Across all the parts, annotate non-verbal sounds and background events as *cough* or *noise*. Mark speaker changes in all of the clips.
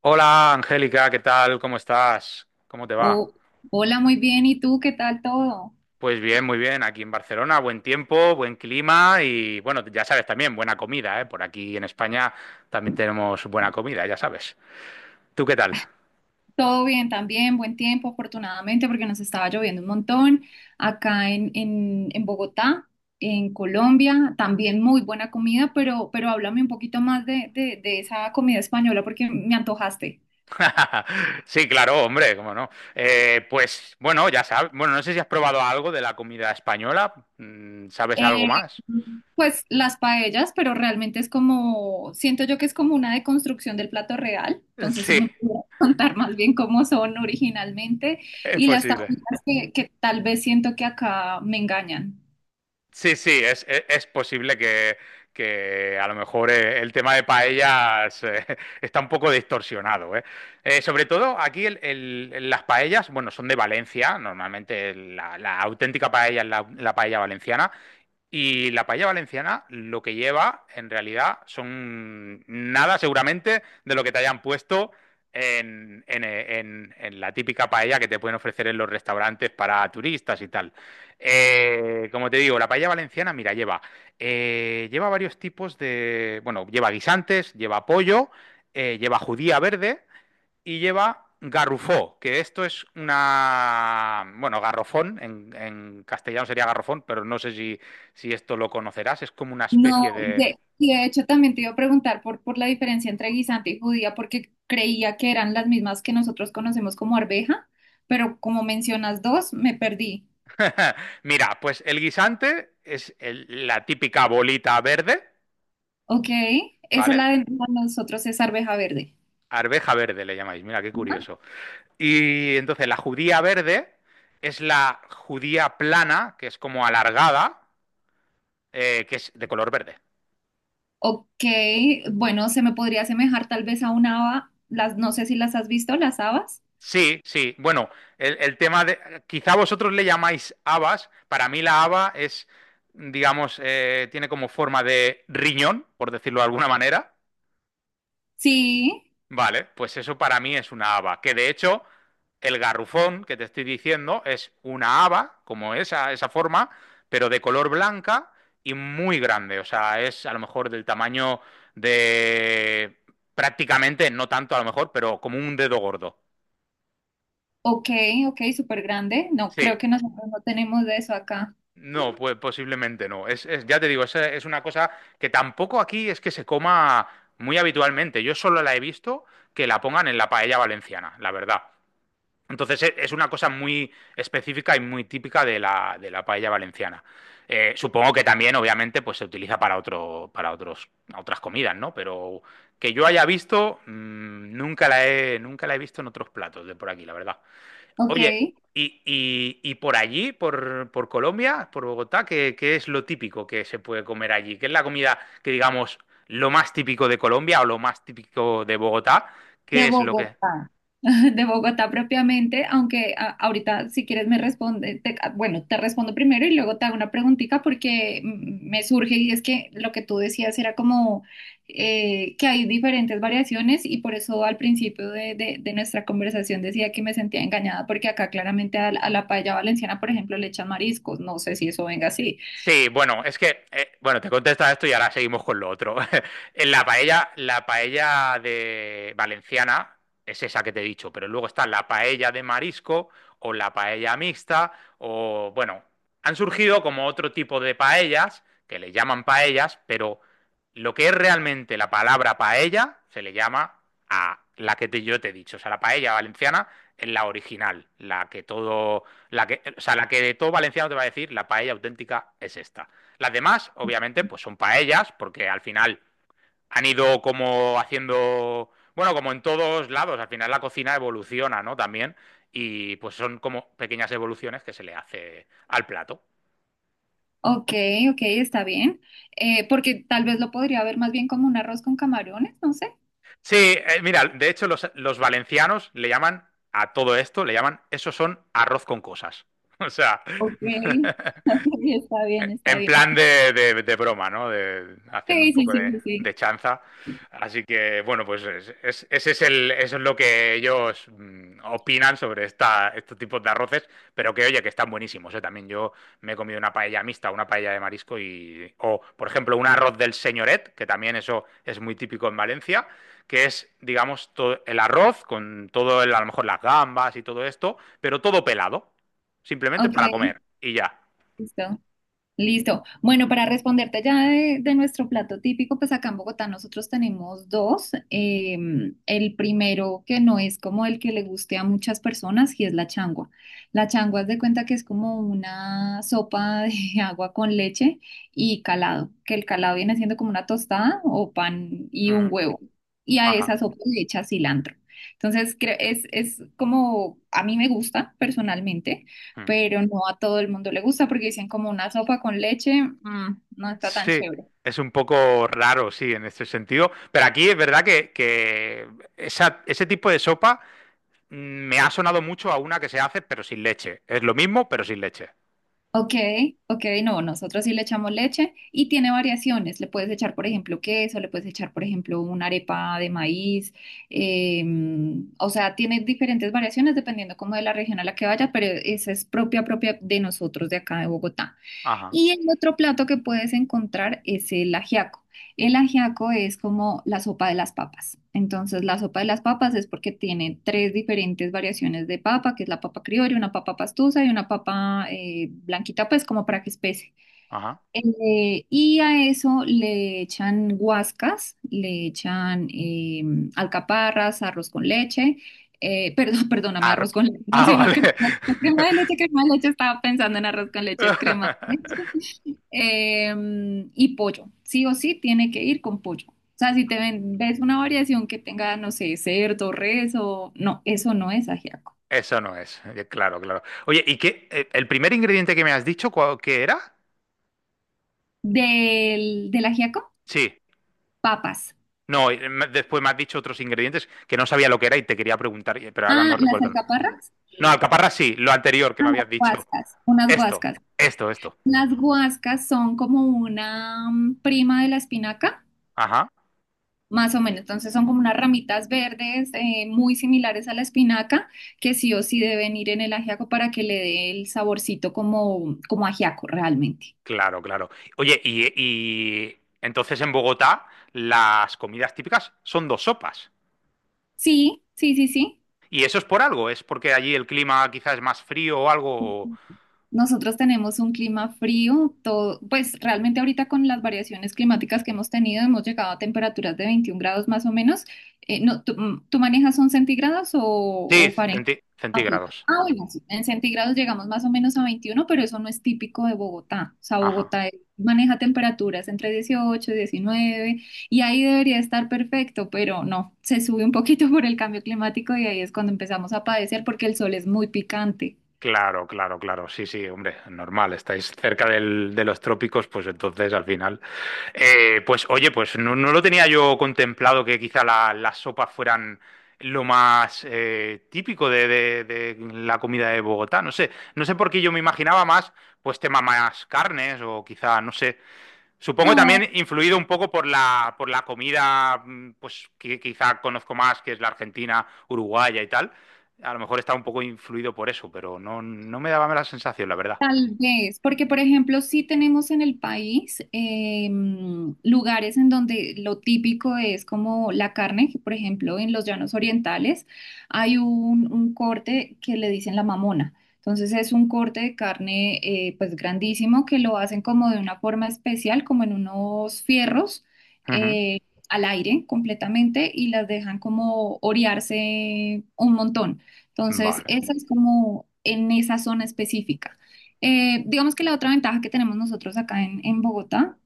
Speaker 1: Hola Angélica, ¿qué tal? ¿Cómo estás? ¿Cómo te
Speaker 2: Oh,
Speaker 1: va?
Speaker 2: hola, muy bien. ¿Y tú qué tal todo?
Speaker 1: Pues bien, muy bien. Aquí en Barcelona, buen tiempo, buen clima y bueno, ya sabes también, buena comida, ¿eh? Por aquí en España también tenemos buena comida, ya sabes. ¿Tú qué tal?
Speaker 2: Todo bien también, buen tiempo, afortunadamente, porque nos estaba lloviendo un montón acá en Bogotá, en Colombia. También muy buena comida, pero háblame un poquito más de esa comida española porque me antojaste.
Speaker 1: *laughs* Sí, claro, hombre, cómo no. Pues bueno, ya sabes. Bueno, no sé si has probado algo de la comida española. Mm, ¿sabes
Speaker 2: Eh,
Speaker 1: algo más?
Speaker 2: pues las paellas, pero realmente es como, siento yo que es como una deconstrucción del plato real, entonces sí
Speaker 1: *laughs* Sí,
Speaker 2: me puedo *laughs* contar más bien cómo son originalmente
Speaker 1: es
Speaker 2: y las
Speaker 1: posible.
Speaker 2: tapitas que tal vez siento que acá me engañan.
Speaker 1: Sí, sí, es posible que a lo mejor el tema de paellas *laughs* está un poco distorsionado, ¿eh? Sobre todo aquí las paellas, bueno, son de Valencia. Normalmente la auténtica paella es la paella valenciana, y la paella valenciana lo que lleva en realidad son nada seguramente de lo que te hayan puesto en la típica paella que te pueden ofrecer en los restaurantes para turistas y tal. Como te digo, la paella valenciana, mira, lleva, lleva varios tipos de, bueno, lleva guisantes, lleva pollo, lleva judía verde y lleva garrufó, que esto es una, bueno, garrofón, en castellano sería garrofón, pero no sé si, si esto lo conocerás. Es como una
Speaker 2: No,
Speaker 1: especie de…
Speaker 2: de, y de hecho también te iba a preguntar por la diferencia entre guisante y judía, porque creía que eran las mismas que nosotros conocemos como arveja, pero como mencionas dos, me perdí.
Speaker 1: *laughs* Mira, pues el guisante es la típica bolita verde,
Speaker 2: Ok, esa es
Speaker 1: ¿vale?
Speaker 2: la de nosotros es arveja verde.
Speaker 1: Arveja verde le llamáis, mira qué curioso. Y entonces la judía verde es la judía plana, que es como alargada, que es de color verde.
Speaker 2: Ok, bueno, se me podría asemejar tal vez a una haba, las, no sé si las has visto, las habas.
Speaker 1: Sí, sí. Bueno, el tema de… Quizá vosotros le llamáis habas. Para mí la haba es, digamos, tiene como forma de riñón, por decirlo de alguna manera.
Speaker 2: Sí,
Speaker 1: Vale, pues eso para mí es una haba. Que de hecho, el garrufón que te estoy diciendo es una haba, como esa forma, pero de color blanca y muy grande. O sea, es a lo mejor del tamaño de… Prácticamente, no tanto a lo mejor, pero como un dedo gordo.
Speaker 2: ok, ok, súper grande. No, creo
Speaker 1: Sí,
Speaker 2: que nosotros no tenemos de eso acá.
Speaker 1: no, pues posiblemente no. Es, ya te digo, es una cosa que tampoco aquí es que se coma muy habitualmente. Yo solo la he visto que la pongan en la paella valenciana, la verdad. Entonces es una cosa muy específica y muy típica de de la paella valenciana. Supongo que también, obviamente, pues se utiliza para otro, para otros, otras comidas, ¿no? Pero que yo haya visto, nunca la he, nunca la he visto en otros platos de por aquí, la verdad.
Speaker 2: Ok,
Speaker 1: Oye, y, y por allí, por Colombia, por Bogotá, ¿qué, qué es lo típico que se puede comer allí? ¿Qué es la comida que, digamos, lo más típico de Colombia o lo más típico de Bogotá?
Speaker 2: de
Speaker 1: ¿Qué es lo que…
Speaker 2: Bogotá, *laughs* de Bogotá propiamente, aunque ahorita si quieres me responde, ah, bueno, te respondo primero y luego te hago una preguntita porque me surge y es que lo que tú decías era como que hay diferentes variaciones y por eso al principio de nuestra conversación decía que me sentía engañada porque acá claramente a la paella valenciana, por ejemplo, le echan mariscos, no sé si eso venga así.
Speaker 1: Sí, bueno, es que, bueno, te contesta esto y ahora seguimos con lo otro. *laughs* En la paella de valenciana es esa que te he dicho, pero luego está la paella de marisco o la paella mixta o, bueno, han surgido como otro tipo de paellas que le llaman paellas, pero lo que es realmente la palabra paella se le llama a la que yo te he dicho, o sea, la paella valenciana es la original, la que todo, la que, o sea, la que de todo valenciano te va a decir la paella auténtica es esta. Las demás, obviamente, pues son paellas, porque al final han ido como haciendo, bueno, como en todos lados, al final la cocina evoluciona, ¿no? También. Y pues son como pequeñas evoluciones que se le hace al plato.
Speaker 2: Ok, ok, está bien. Porque tal vez lo podría ver más bien como un arroz con camarones, no sé.
Speaker 1: Sí, mira, de hecho los valencianos le llaman a todo esto, le llaman, eso son arroz con cosas. *laughs* O sea,
Speaker 2: Ok, *laughs*
Speaker 1: *laughs*
Speaker 2: está bien, está
Speaker 1: en
Speaker 2: bien.
Speaker 1: plan de, de broma, ¿no? De… haciendo
Speaker 2: Sí,
Speaker 1: un
Speaker 2: sí,
Speaker 1: poco
Speaker 2: sí, sí, sí.
Speaker 1: de chanza. Así que, bueno, pues ese es el, eso es lo que ellos opinan sobre esta, estos tipos de arroces, pero que, oye, que están buenísimos, ¿eh? También yo me he comido una paella mixta, una paella de marisco y, o, por ejemplo, un arroz del señoret, que también eso es muy típico en Valencia, que es, digamos, el arroz con todo, el, a lo mejor las gambas y todo esto, pero todo pelado, simplemente
Speaker 2: Ok,
Speaker 1: para comer y ya.
Speaker 2: listo. Listo. Bueno, para responderte ya de nuestro plato típico, pues acá en Bogotá nosotros tenemos dos. El primero que no es como el que le guste a muchas personas y es la changua. La changua es de cuenta que es como una sopa de *laughs* agua con leche y calado, que el calado viene siendo como una tostada o pan y un
Speaker 1: Ujú.
Speaker 2: huevo. Y a
Speaker 1: Ajá.
Speaker 2: esa sopa le echa cilantro. Entonces, es como a mí me gusta personalmente,
Speaker 1: Mm.
Speaker 2: pero no a todo el mundo le gusta porque dicen como una sopa con leche, no está tan
Speaker 1: Sí,
Speaker 2: chévere.
Speaker 1: es un poco raro, sí, en este sentido, pero aquí es verdad que ese tipo de sopa mm, me ha sonado mucho a una que se hace, pero sin leche. Es lo mismo, pero sin leche.
Speaker 2: Ok, ok, no, nosotros sí le echamos leche y tiene variaciones. Le puedes echar, por ejemplo, queso, le puedes echar, por ejemplo, una arepa de maíz. eh, o sea, tiene diferentes variaciones dependiendo como de la región a la que vaya, pero esa es propia, propia de nosotros de acá de Bogotá.
Speaker 1: Ajá,
Speaker 2: Y el otro plato que puedes encontrar es el ajiaco. El ajiaco es como la sopa de las papas. Entonces, la sopa de las papas es porque tiene tres diferentes variaciones de papa, que es la papa criolla, una papa pastusa y una papa blanquita, pues como para que espese.
Speaker 1: ajá.
Speaker 2: Y a eso le echan guascas, le echan alcaparras, arroz con leche. Perdón, *laughs* perdóname,
Speaker 1: Ar-
Speaker 2: arroz con leche, no,
Speaker 1: ah,
Speaker 2: sino
Speaker 1: vale.
Speaker 2: crema, crema de leche, estaba pensando en arroz con leche, es crema de
Speaker 1: *laughs*
Speaker 2: leche eh, y pollo. Sí o sí tiene que ir con pollo. O sea, si te ves una variación que tenga, no sé, cerdo, res o... No, eso no es ajiaco.
Speaker 1: Eso no es… eh, claro, claro. Oye, ¿y qué? ¿El primer ingrediente que me has dicho, qué era?
Speaker 2: Del ajiaco,
Speaker 1: Sí.
Speaker 2: papas.
Speaker 1: No, después me has dicho otros ingredientes que no sabía lo que era y te quería preguntar, pero ahora
Speaker 2: Ah,
Speaker 1: no
Speaker 2: las
Speaker 1: recuerdo.
Speaker 2: alcaparras.
Speaker 1: No, alcaparra sí, lo anterior que
Speaker 2: Ah,
Speaker 1: me
Speaker 2: las
Speaker 1: habías dicho.
Speaker 2: guascas, unas
Speaker 1: Esto,
Speaker 2: guascas.
Speaker 1: esto, esto.
Speaker 2: Las guascas son como una prima de la espinaca.
Speaker 1: Ajá,
Speaker 2: Más o menos, entonces son como unas ramitas verdes muy similares a la espinaca que sí o sí deben ir en el ajiaco para que le dé el saborcito como, como ajiaco realmente.
Speaker 1: claro, claro. Oye, y entonces en Bogotá las comidas típicas son dos sopas.
Speaker 2: Sí, sí, sí, sí.
Speaker 1: ¿Y eso es por algo? ¿Es porque allí el clima quizás es más frío o algo?
Speaker 2: Nosotros tenemos un clima frío, todo, pues realmente ahorita con las variaciones climáticas que hemos tenido hemos llegado a temperaturas de 21 grados más o menos. No, ¿tú, tú manejas son centígrados
Speaker 1: Sí,
Speaker 2: o Fahrenheit?
Speaker 1: centí-
Speaker 2: Ah, ok.
Speaker 1: centígrados.
Speaker 2: Ah, bueno, sí, en centígrados llegamos más o menos a 21, pero eso no es típico de Bogotá. O sea,
Speaker 1: Ajá.
Speaker 2: Bogotá maneja temperaturas entre 18 y 19, y ahí debería estar perfecto, pero no, se sube un poquito *laughs* por el cambio climático y ahí es cuando empezamos a padecer porque el sol es muy picante.
Speaker 1: Claro, claro, claro. Sí, sí, hombre, normal. Estáis cerca de los trópicos, pues entonces al final… pues oye, pues no, no lo tenía yo contemplado que quizá las sopas fueran lo más típico de, de la comida de Bogotá. No sé, no sé por qué yo me imaginaba más, pues tema más carnes o quizá, no sé. Supongo también
Speaker 2: No,
Speaker 1: influido un poco por la comida, pues que quizá conozco más, que es la argentina, uruguaya y tal. A lo mejor está un poco influido por eso, pero no, no me daba la sensación, la verdad.
Speaker 2: tal vez, porque por ejemplo, sí tenemos en el país lugares en donde lo típico es como la carne, que por ejemplo en los llanos orientales hay un corte que le dicen la mamona. Entonces es un corte de carne pues grandísimo que lo hacen como de una forma especial, como en unos fierros
Speaker 1: Ujú.
Speaker 2: eh, al aire completamente y las dejan como orearse un montón. Entonces
Speaker 1: Vale.
Speaker 2: esa es como en esa zona específica. Digamos que la otra ventaja que tenemos nosotros acá en Bogotá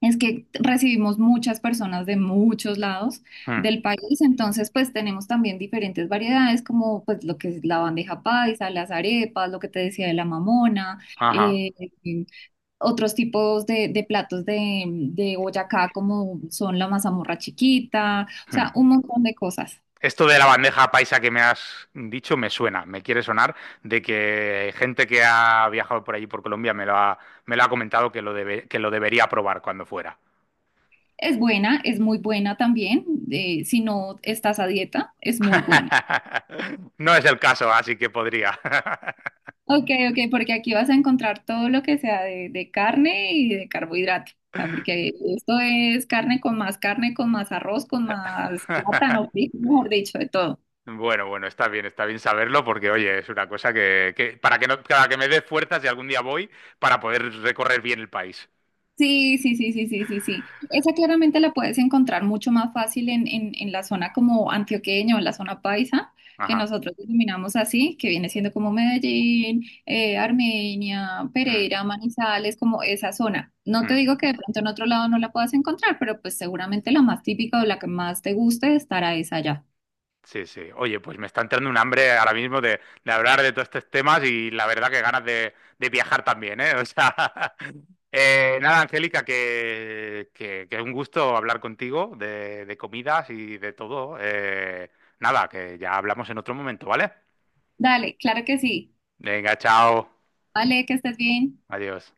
Speaker 2: es que recibimos muchas personas de muchos lados
Speaker 1: Mm.
Speaker 2: del país, entonces pues tenemos también diferentes variedades como pues lo que es la bandeja paisa, las arepas, lo que te decía de la mamona,
Speaker 1: Ajá.
Speaker 2: eh, otros tipos de platos de Boyacá como son la mazamorra chiquita, o sea,
Speaker 1: Mm.
Speaker 2: un montón de cosas.
Speaker 1: Esto de la bandeja paisa que me has dicho me suena, me quiere sonar de que gente que ha viajado por allí por Colombia me lo ha comentado que lo que lo debería probar cuando fuera.
Speaker 2: Es buena, es muy buena también, si no estás a dieta, es muy buena.
Speaker 1: *laughs* No es el caso, así que podría.
Speaker 2: Ok, ok, porque aquí vas a encontrar todo lo que sea de carne y de carbohidrato. O sea, porque esto es carne, con más arroz, con más plátano,
Speaker 1: *laughs*
Speaker 2: frijol, mejor dicho, de todo.
Speaker 1: Bueno, bueno, está bien saberlo porque, oye, es una cosa que, para que no, para que me dé fuerzas si algún día voy para poder recorrer bien el país.
Speaker 2: Sí, sí, sí, sí, sí, sí, sí. Esa claramente la puedes encontrar mucho más fácil en la zona como antioqueña o en la zona paisa, que
Speaker 1: Ajá.
Speaker 2: nosotros denominamos así, que viene siendo como Medellín, Armenia,
Speaker 1: Hmm,
Speaker 2: Pereira, Manizales, como esa zona. No te
Speaker 1: hmm.
Speaker 2: digo que de pronto en otro lado no la puedas encontrar, pero pues seguramente la más típica o la que más te guste estará esa allá.
Speaker 1: Sí, sí. Oye, pues me está entrando un hambre ahora mismo de hablar de todos estos temas y la verdad que ganas de viajar también, ¿eh? O sea, *laughs* nada, Angélica, que es un gusto hablar contigo de comidas y de todo. Nada, que ya hablamos en otro momento, ¿vale?
Speaker 2: Dale, claro que sí.
Speaker 1: Venga, chao.
Speaker 2: Vale, que estés bien.
Speaker 1: Adiós.